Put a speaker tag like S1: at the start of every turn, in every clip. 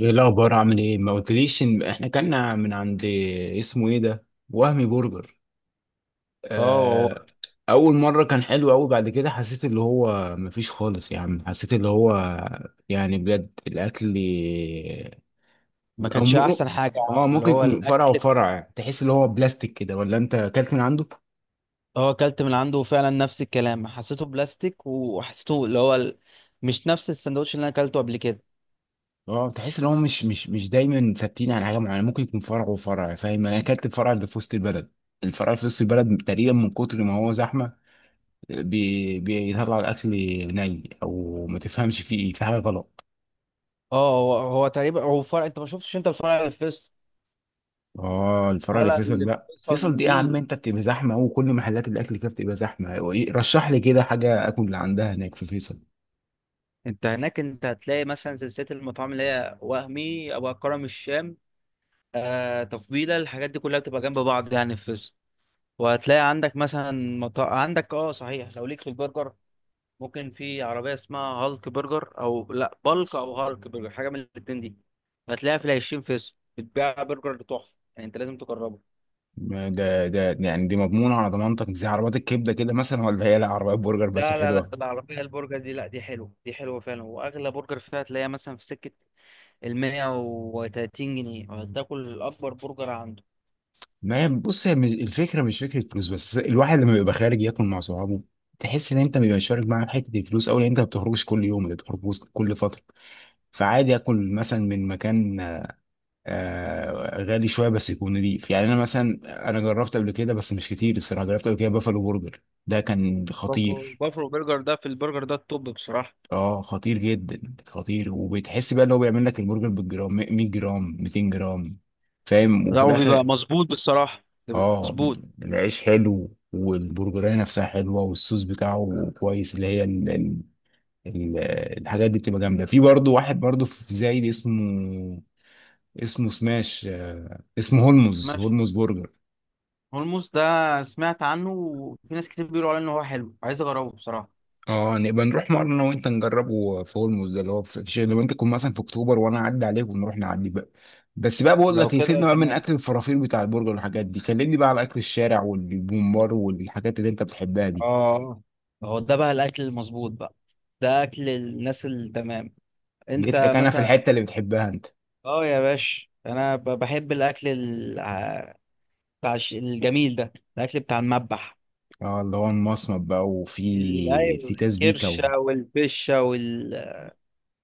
S1: ايه الاخبار عامل ايه؟ ما قلتليش ان احنا كنا من عند اسمه ايه ده، وهمي برجر.
S2: اه، هو
S1: آه. اول مره كان حلو قوي، بعد كده حسيت اللي هو مفيش خالص يا عم، حسيت اللي هو، يعني بجد الاكل.
S2: ما
S1: او
S2: كانش
S1: م...
S2: احسن حاجه.
S1: اه،
S2: اللي
S1: ممكن
S2: هو
S1: يكون فرع
S2: الاكل،
S1: وفرع يعني. تحس اللي هو بلاستيك كده، ولا انت اكلت من عنده؟
S2: هو اكلت من عنده فعلا، نفس الكلام، حسيته بلاستيك وحسيته اللي هو مش نفس السندوتش اللي انا اكلته قبل كده.
S1: اه، تحس ان هو مش دايما ثابتين على حاجه معينه، ممكن يكون فرع وفرع، فاهم؟ انا اكلت الفرع اللي في وسط البلد، الفرع اللي في وسط البلد تقريبا من كتر ما هو زحمه بيطلع الاكل، ني او ما تفهمش فيه ايه، في حاجه غلط.
S2: اه، هو تقريبا هو فرق. انت ما شفتش انت الفرع اللي في فيصل
S1: اه الفرع اللي
S2: ولا
S1: فيصل،
S2: اللي في
S1: لا
S2: فيصل؟
S1: فيصل دي يا عم
S2: ومين؟
S1: انت بتبقى زحمه، وكل محلات الاكل فيها بتبقى زحمه. هو رشح لي كده حاجه اكل اللي عندها هناك في فيصل.
S2: انت هناك انت هتلاقي مثلا سلسله المطاعم اللي هي وهمي ابو كرم الشام. آه، تفضيله، الحاجات دي كلها بتبقى جنب بعض يعني في فيصل. وهتلاقي عندك مثلا عندك، اه صحيح، لو ليك في البرجر، ممكن في عربية اسمها هالك برجر أو لأ بالك أو هالك برجر، حاجة من الاتنين دي. هتلاقيها في العشرين فيصل، بتبيع برجر تحفة، يعني أنت لازم تجربه.
S1: ما ده يعني دي مضمونه على ضمانتك زي عربيات الكبده كده مثلا، ولا هي لا عربيات برجر بس
S2: لا لا لا،
S1: حلوه؟
S2: العربية البرجر دي لأ، دي حلوة، دي حلوة فعلا. وأغلى برجر فيها هتلاقيها مثلا في سكة 130 جنيه وهتاكل أكبر برجر عنده.
S1: ما هي بص هي الفكره مش فكره فلوس، بس الواحد لما بيبقى خارج ياكل مع صحابه تحس ان انت بيبقى شارك معاهم حته الفلوس، او ان انت ما بتخرجش كل يوم، انت بتخرج كل فتره، فعادي اكل مثلا من مكان غالي شويه، بس يكون نضيف يعني. انا مثلا انا جربت قبل كده بس مش كتير الصراحه، جربت قبل كده بافلو برجر، ده كان
S2: بافلو
S1: خطير.
S2: بافلو برجر ده، في البرجر ده التوب بصراحة.
S1: اه، خطير جدا خطير، وبتحس بقى ان هو بيعمل لك البرجر بالجرام، 100 جرام، 200 جرام، فاهم؟ وفي
S2: لا، وبيبقى
S1: الاخر
S2: مظبوط بالصراحة، بيبقى
S1: اه.
S2: مظبوط.
S1: العيش حلو والبرجرية نفسها حلوة، والصوص بتاعه كويس، اللي هي ال الحاجات دي بتبقى جامدة. في برضه واحد برضه في زايد، اسمه سماش، اسمه هولمز،
S2: ماشي.
S1: هولمز برجر.
S2: هولموس ده سمعت عنه، وفي ناس كتير بيقولوا عليه إن هو حلو، عايز أجربه بصراحة.
S1: اه، نبقى نروح مرة انا وانت نجربه في هولمز ده، اللي هو في شيء لما انت تكون مثلا في اكتوبر وانا اعدي عليك ونروح نعدي بقى. بس بقى بقول
S2: لو
S1: لك،
S2: كده
S1: يسيبنا بقى من
S2: تمام.
S1: اكل الفرافير بتاع البرجر والحاجات دي، كلمني بقى على اكل الشارع والبومبار والحاجات اللي انت بتحبها دي.
S2: اه، هو ده بقى الاكل المظبوط بقى. ده اكل الناس التمام.
S1: جيت
S2: انت
S1: لك انا في
S2: مثلا.
S1: الحتة اللي بتحبها انت.
S2: اه يا باش، انا بحب الاكل بتاع الجميل ده، الاكل بتاع المذبح.
S1: اه اللي هو المصمت بقى، وفي في
S2: ايوه،
S1: تسبيكة و...
S2: الكرشه والفشه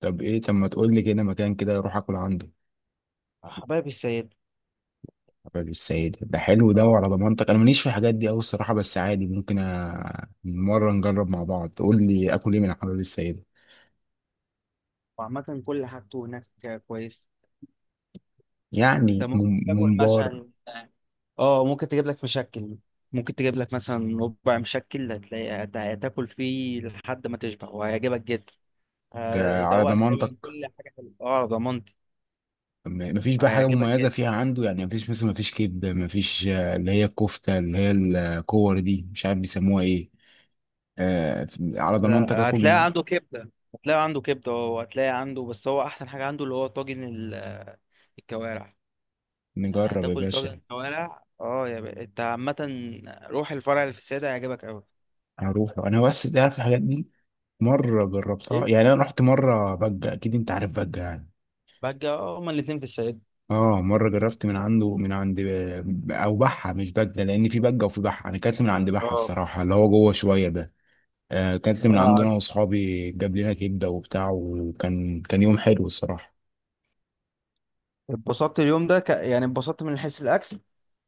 S1: طب ايه، طب ما تقول لي كده مكان كده اروح اكل عنده.
S2: حبايب السيد.
S1: حبيب السيد ده حلو ده؟
S2: اه،
S1: وعلى ضمانتك، انا ماليش في الحاجات دي قوي الصراحة، بس عادي ممكن مرة نجرب مع بعض، تقول لي اكل ايه من حبيب السيد.
S2: وعامة كل حاجته هناك كويس.
S1: يعني
S2: انت ممكن تاكل
S1: ممبار؟
S2: مثلا، اه ممكن تجيب لك مشكل، ممكن تجيب لك مثلا ربع مشكل، هتلاقي هتاكل فيه لحد ما تشبع وهيعجبك جدا. ماشي،
S1: ده على
S2: هيدوقك
S1: ضمانتك.
S2: تقريبا كل حاجه حلوه، اه ضمانتي.
S1: مفيش بقى حاجة
S2: هيعجبك
S1: مميزة
S2: جدا.
S1: فيها عنده يعني؟ مفيش مثلا مفيش كبدة، مفيش اللي هي الكفتة، اللي هي الكور دي، مش عارف بيسموها ايه. آه، على
S2: ده
S1: ضمانتك اكل
S2: هتلاقي عنده كبده، وهتلاقي عنده، بس هو احسن حاجه عنده اللي هو طاجن الكوارع. يعني
S1: نجرب يا
S2: هتاكل
S1: باشا.
S2: طاجن كوارع، اه يا بقى. انت عامه روح الفرع اللي في السيده، هيعجبك قوي.
S1: هروح انا، بس تعرف الحاجات دي مرة جربتها
S2: ايه
S1: يعني. انا رحت مرة بجة، اكيد انت عارف بجة يعني.
S2: بقى؟ اه، هما الاتنين في السيده.
S1: اه، مرة جربت من عند او بحة، مش بجة، لان في بجة وفي بحة، انا كانت من عند بحة
S2: اه،
S1: الصراحة اللي هو جوه شوية ده. آه، اكلت من
S2: اه،
S1: عندنا
S2: عارف.
S1: واصحابي جاب لنا كبده وبتاع، وكان كان يوم حلو الصراحه.
S2: اتبسطت اليوم ده، يعني اتبسطت من حيث الاكل.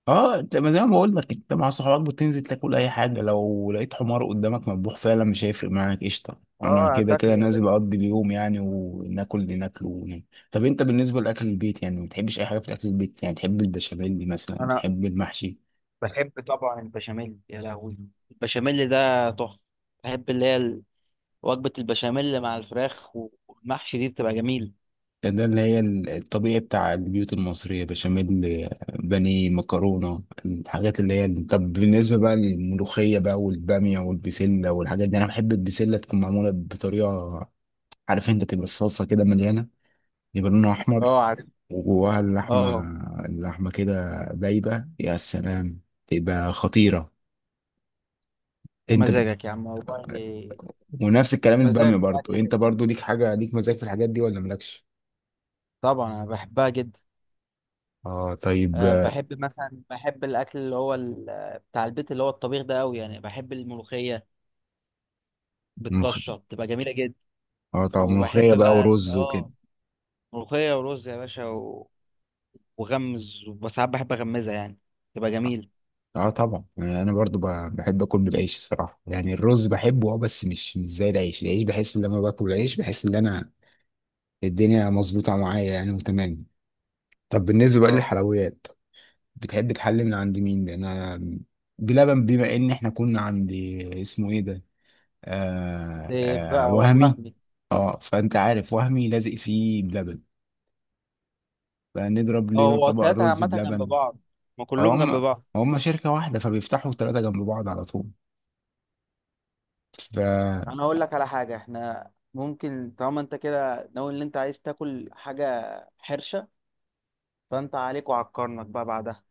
S1: اه انت، ما زي ما بقول لك انت مع صحابك بتنزل تاكل اي حاجه، لو لقيت حمار قدامك مذبوح فعلا مش هيفرق معاك، قشطه، انا
S2: اه،
S1: كده كده
S2: هتاكله يا باشا.
S1: نازل اقضي اليوم يعني، وناكل اللي ناكله وننام. طب انت بالنسبه لاكل البيت يعني، ما بتحبش اي حاجه في اكل البيت يعني؟ تحب البشاميل مثلا؟
S2: انا
S1: تحب المحشي؟
S2: بحب طبعا البشاميل، يا لهوي البشاميل ده تحفه. بحب اللي هي وجبة البشاميل مع الفراخ والمحشي دي، بتبقى جميل.
S1: ده اللي هي الطبيعي بتاع البيوت المصرية، بشاميل، بانيه، مكرونة، الحاجات اللي هي. طب بالنسبة بقى للملوخية بقى والبامية والبسلة والحاجات دي، أنا بحب البسلة تكون معمولة بطريقة، عارف أنت، تبقى الصلصة كده مليانة، يبقى لونها أحمر،
S2: اه، عارف.
S1: وجواها اللحمة،
S2: اه
S1: اللحمة كده دايبة، يا سلام تبقى خطيرة.
S2: يا
S1: أنت
S2: مزاجك يا عم والله.
S1: ونفس الكلام البامية
S2: مزاجك في
S1: برضو،
S2: الاكل
S1: أنت
S2: حلو،
S1: برضو ليك حاجة، ليك مزاج في الحاجات دي ولا مالكش؟
S2: طبعا انا بحبها جدا.
S1: اه طيب
S2: أه، بحب مثلا، بحب الاكل اللي هو بتاع البيت اللي هو الطبيخ ده قوي، يعني بحب الملوخية
S1: ملوخية،
S2: بالطشة، بتبقى جميلة جدا.
S1: اه طبعا ملوخية
S2: وبحب
S1: بقى
S2: بقى
S1: ورز وكده.
S2: ملوخية ورز يا باشا وغمز، وساعات بحب اغمزها يعني، تبقى جميل.
S1: اه طبعا يعني انا برضو بحب اكل بالعيش الصراحه، يعني الرز بحبه اه، بس مش زي العيش، العيش بحس ان لما باكل العيش بحس ان انا الدنيا مظبوطه معايا يعني وتمام. طب بالنسبه بقى
S2: اه.
S1: للحلويات، بتحب تحلي من عند مين؟ لان انا بلبن، بما ان احنا كنا عند اسمه ايه ده،
S2: إيه
S1: آه
S2: بقى
S1: وهمي،
S2: وهمي.
S1: اه فانت عارف وهمي لازق فيه بلبن، فنضرب
S2: اه،
S1: لنا
S2: هو
S1: طبق
S2: التلاتة
S1: رز
S2: عامة جنب
S1: بلبن.
S2: بعض، ما كلهم جنب
S1: هم
S2: بعض.
S1: هم شركه واحده فبيفتحوا ثلاثه جنب بعض على طول.
S2: انا اقول لك على حاجه، احنا ممكن طالما انت كده ناوي ان انت عايز تاكل حاجه حرشه، فانت عليك وعلى الكرنك بقى بعدها.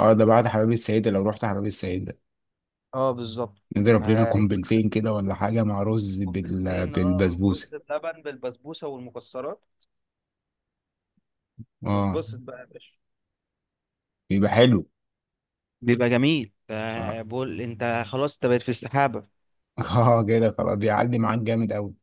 S1: اه ده بعد حمام السيدة، لو رحت حمام السيدة
S2: اه بالظبط.
S1: نضرب لنا
S2: هيعيش
S1: قنبلتين كده ولا حاجة مع رز
S2: كوبايتين، اه، رز
S1: بالبسبوسة.
S2: بلبن بالبسبوسه والمكسرات،
S1: اه
S2: واتبسط بقى يا باشا.
S1: بيبقى حلو.
S2: بيبقى جميل.
S1: اه
S2: بقول انت خلاص انت بقيت في السحابة.
S1: اه كده خلاص، بيعلي معاك جامد قوي.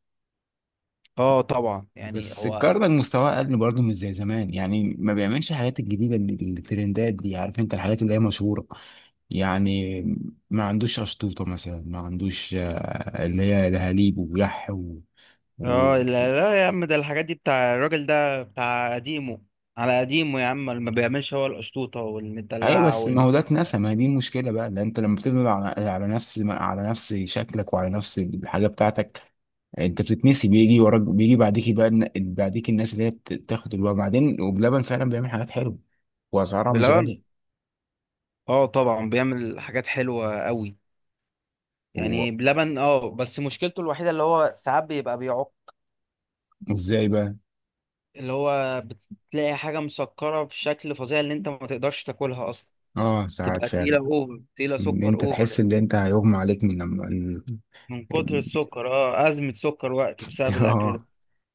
S2: اه طبعا يعني
S1: بس
S2: هو.
S1: الكرنك مستواه اقل برضه، مش زي زمان يعني، ما بيعملش الحاجات الجديدة الترندات دي، عارف انت الحاجات اللي هي مشهورة يعني. ما عندوش أشطوطة مثلا، ما عندوش اللي هي دهاليب ويح و...
S2: اه، لا لا يا عم، ده الحاجات دي بتاع الراجل ده بتاع قديمه، على قديمه يا عم، ما بيعملش هو القشطوطة
S1: ايوه،
S2: والمدلعة
S1: بس ما هو ده اتنسى، ما هي دي المشكله بقى، لان انت لما بتبني على نفس شكلك وعلى نفس الحاجه بتاعتك انت بتتنسي، بيجي وراك، بيجي بعديك بقى بعديك الناس اللي هي بتاخد الوقت بعدين، وبلبن فعلا بيعمل حاجات حلوه واسعارها مش
S2: بلبن.
S1: غاليه.
S2: اه طبعا بيعمل حاجات حلوة قوي.
S1: هو
S2: يعني بلبن، اه، بس مشكلته الوحيدة اللي هو ساعات بيبقى بيعق.
S1: ازاي بقى؟
S2: اللي هو بتلاقي حاجة مسكرة بشكل فظيع، اللي انت ما تقدرش تاكلها اصلا،
S1: اه ساعات
S2: تبقى تقيلة
S1: فعلا.
S2: اوفر، تقيلة
S1: ان
S2: سكر
S1: انت
S2: اوفر
S1: تحس
S2: يعني.
S1: ان انت هيغمى عليك من لما
S2: من كتر
S1: ال...
S2: السكر، اه أزمة سكر وقت بسبب الأكل ده.
S1: اه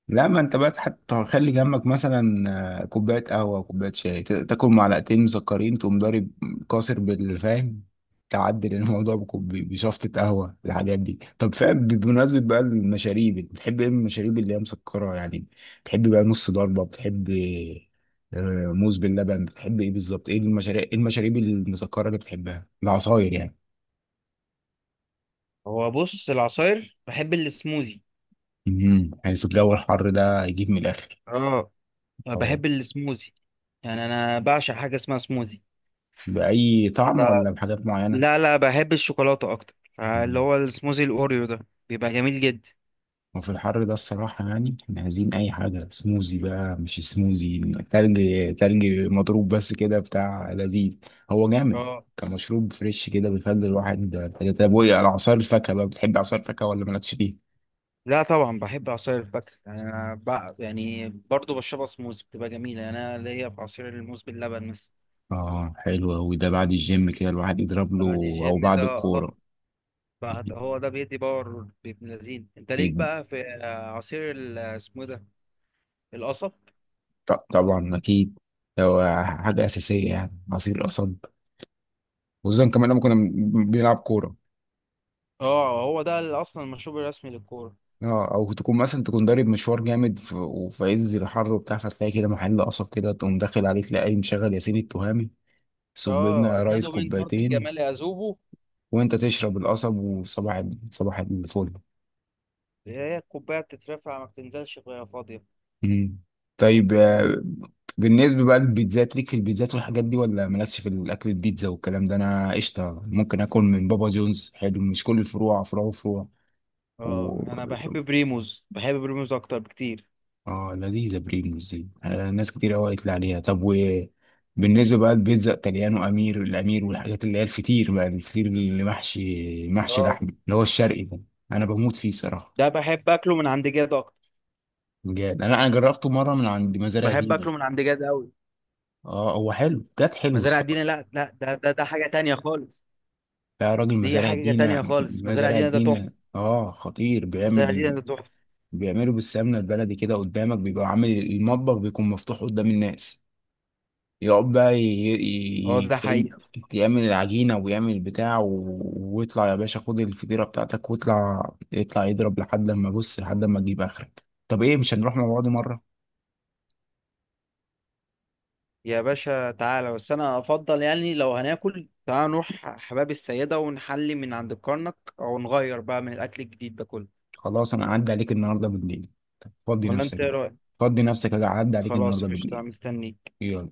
S1: لا، ما انت بقى حتى خلي جنبك مثلا كوبايه قهوه كوبايه شاي، تاكل معلقتين مسكرين تقوم ضارب كاسر بالفاهم، تعدل الموضوع بشفطه قهوه، الحاجات دي، طب فاهم. بمناسبه بقى المشاريب، بتحب ايه من المشاريب اللي هي مسكره يعني؟ بتحب بقى نص ضربه؟ بتحب موز باللبن؟ بتحب ايه بالظبط؟ ايه المشاريب، ايه المشاريب المسكره اللي بتحبها؟ العصاير يعني.
S2: هو بص، العصاير بحب السموزي.
S1: يعني في الجو الحر ده يجيب من الاخر.
S2: اه، أنا
S1: اه
S2: بحب السموزي، يعني أنا بعشق حاجة اسمها سموزي.
S1: بأي طعم ولا
S2: يبقى.
S1: بحاجات معينة؟
S2: لا لا، بحب الشوكولاتة أكتر، اللي هو السموزي الأوريو ده بيبقى جميل جدا.
S1: وفي الحر ده الصراحة يعني احنا عايزين أي حاجة سموزي بقى، مش سموزي، تلج، تلج مضروب، بس كده بتاع لذيذ، هو جامد
S2: اه
S1: كمشروب فريش كده بيخلي الواحد. طب وإيه على عصير الفاكهة بقى، بتحب عصير الفاكهة ولا مالكش فيه؟
S2: لا طبعا بحب عصير الفاكهة، يعني أنا بقى يعني برضه بشربها سموز، بتبقى جميلة، يعني أنا ليا في عصير الموز باللبن مثلا.
S1: آه حلو أوي ده، بعد الجيم كده الواحد يضرب له،
S2: بعد
S1: أو
S2: الجيم ده،
S1: بعد
S2: اه.
S1: الكورة.
S2: بعد، هو ده بيدي باور بابن لذين. أنت ليك بقى في عصير اسمه إيه ده، القصب.
S1: طبعا أكيد، هو حاجة أساسية يعني، عصير قصب وزن، كمان لما كنا بنلعب كورة.
S2: اه، هو ده أصلا المشروب الرسمي للكورة.
S1: اه او تكون مثلا تكون ضارب مشوار جامد وفي عز الحر وبتاع، فتلاقي كده محل قصب كده تقوم داخل عليه تلاقي مشغل ياسين التهامي، صب لنا
S2: اه،
S1: يا ريس
S2: أكادوا من فرط
S1: كوبايتين،
S2: الجمال يذوبوا.
S1: وانت تشرب القصب، وصباح صباح الفل.
S2: هي الكوباية بتترفع ما بتنزلش وهي فاضية.
S1: مم. طيب بالنسبة بقى للبيتزات، ليك في البيتزات والحاجات دي ولا مالكش في الأكل؟ البيتزا والكلام ده أنا قشطة، ممكن آكل من بابا جونز، حلو، مش كل الفروع، فروع
S2: اه، أنا بحب
S1: وفروع.
S2: بريموز، بحب بريموز أكتر بكتير.
S1: اه لذيذة بريموس دي، ناس كتير قوي قالت لي عليها. طب وبالنسبة بقى لبيتزا إتاليانو، أمير الأمير والحاجات اللي هي الفطير بقى، الفطير اللي محشي، محشي
S2: اه،
S1: لحم اللي هو الشرقي ده، أنا بموت فيه صراحة.
S2: ده بحب أكله من عند جاد أكتر.
S1: بجد، أنا جربته مرة من عند مزارع
S2: بحب
S1: دينا.
S2: اكله من عند جد قوي.
S1: اه هو حلو، كانت حلو
S2: مزارع
S1: الصراحة.
S2: دينا، لا لا، ده حاجه تانية خالص.
S1: يا راجل
S2: دي
S1: مزارع
S2: حاجه
S1: دينا،
S2: تانية خالص، مزارع
S1: مزارع
S2: دينا ده تحفه،
S1: دينا، اه خطير،
S2: مزارع دينا
S1: بيعمل،
S2: ده تحفه.
S1: بيعملوا بالسمنة البلدي كده قدامك، بيبقى عامل المطبخ بيكون مفتوح قدام الناس، يقعد بقى
S2: اه
S1: ي...
S2: ده حقيقه.
S1: ي- يعمل العجينة ويعمل البتاع و... ويطلع يا باشا، خد الفطيرة بتاعتك واطلع، يطلع يضرب لحد ما بص، لحد ما تجيب آخرك. طب إيه، مش هنروح مع بعض مرة؟
S2: يا باشا تعالى، بس انا افضل يعني لو هناكل، تعالى نروح حباب السيده ونحلي من عند الكرنك، او نغير بقى من الاكل الجديد ده كله.
S1: خلاص أنا أعدي عليك النهاردة بالليل. طب فضي
S2: ولا انت
S1: نفسك
S2: ايه
S1: بقى،
S2: رايك؟
S1: فضي نفسك أجي أعدي عليك
S2: خلاص،
S1: النهاردة
S2: قشطه،
S1: بالليل.
S2: مستنيك.
S1: يلا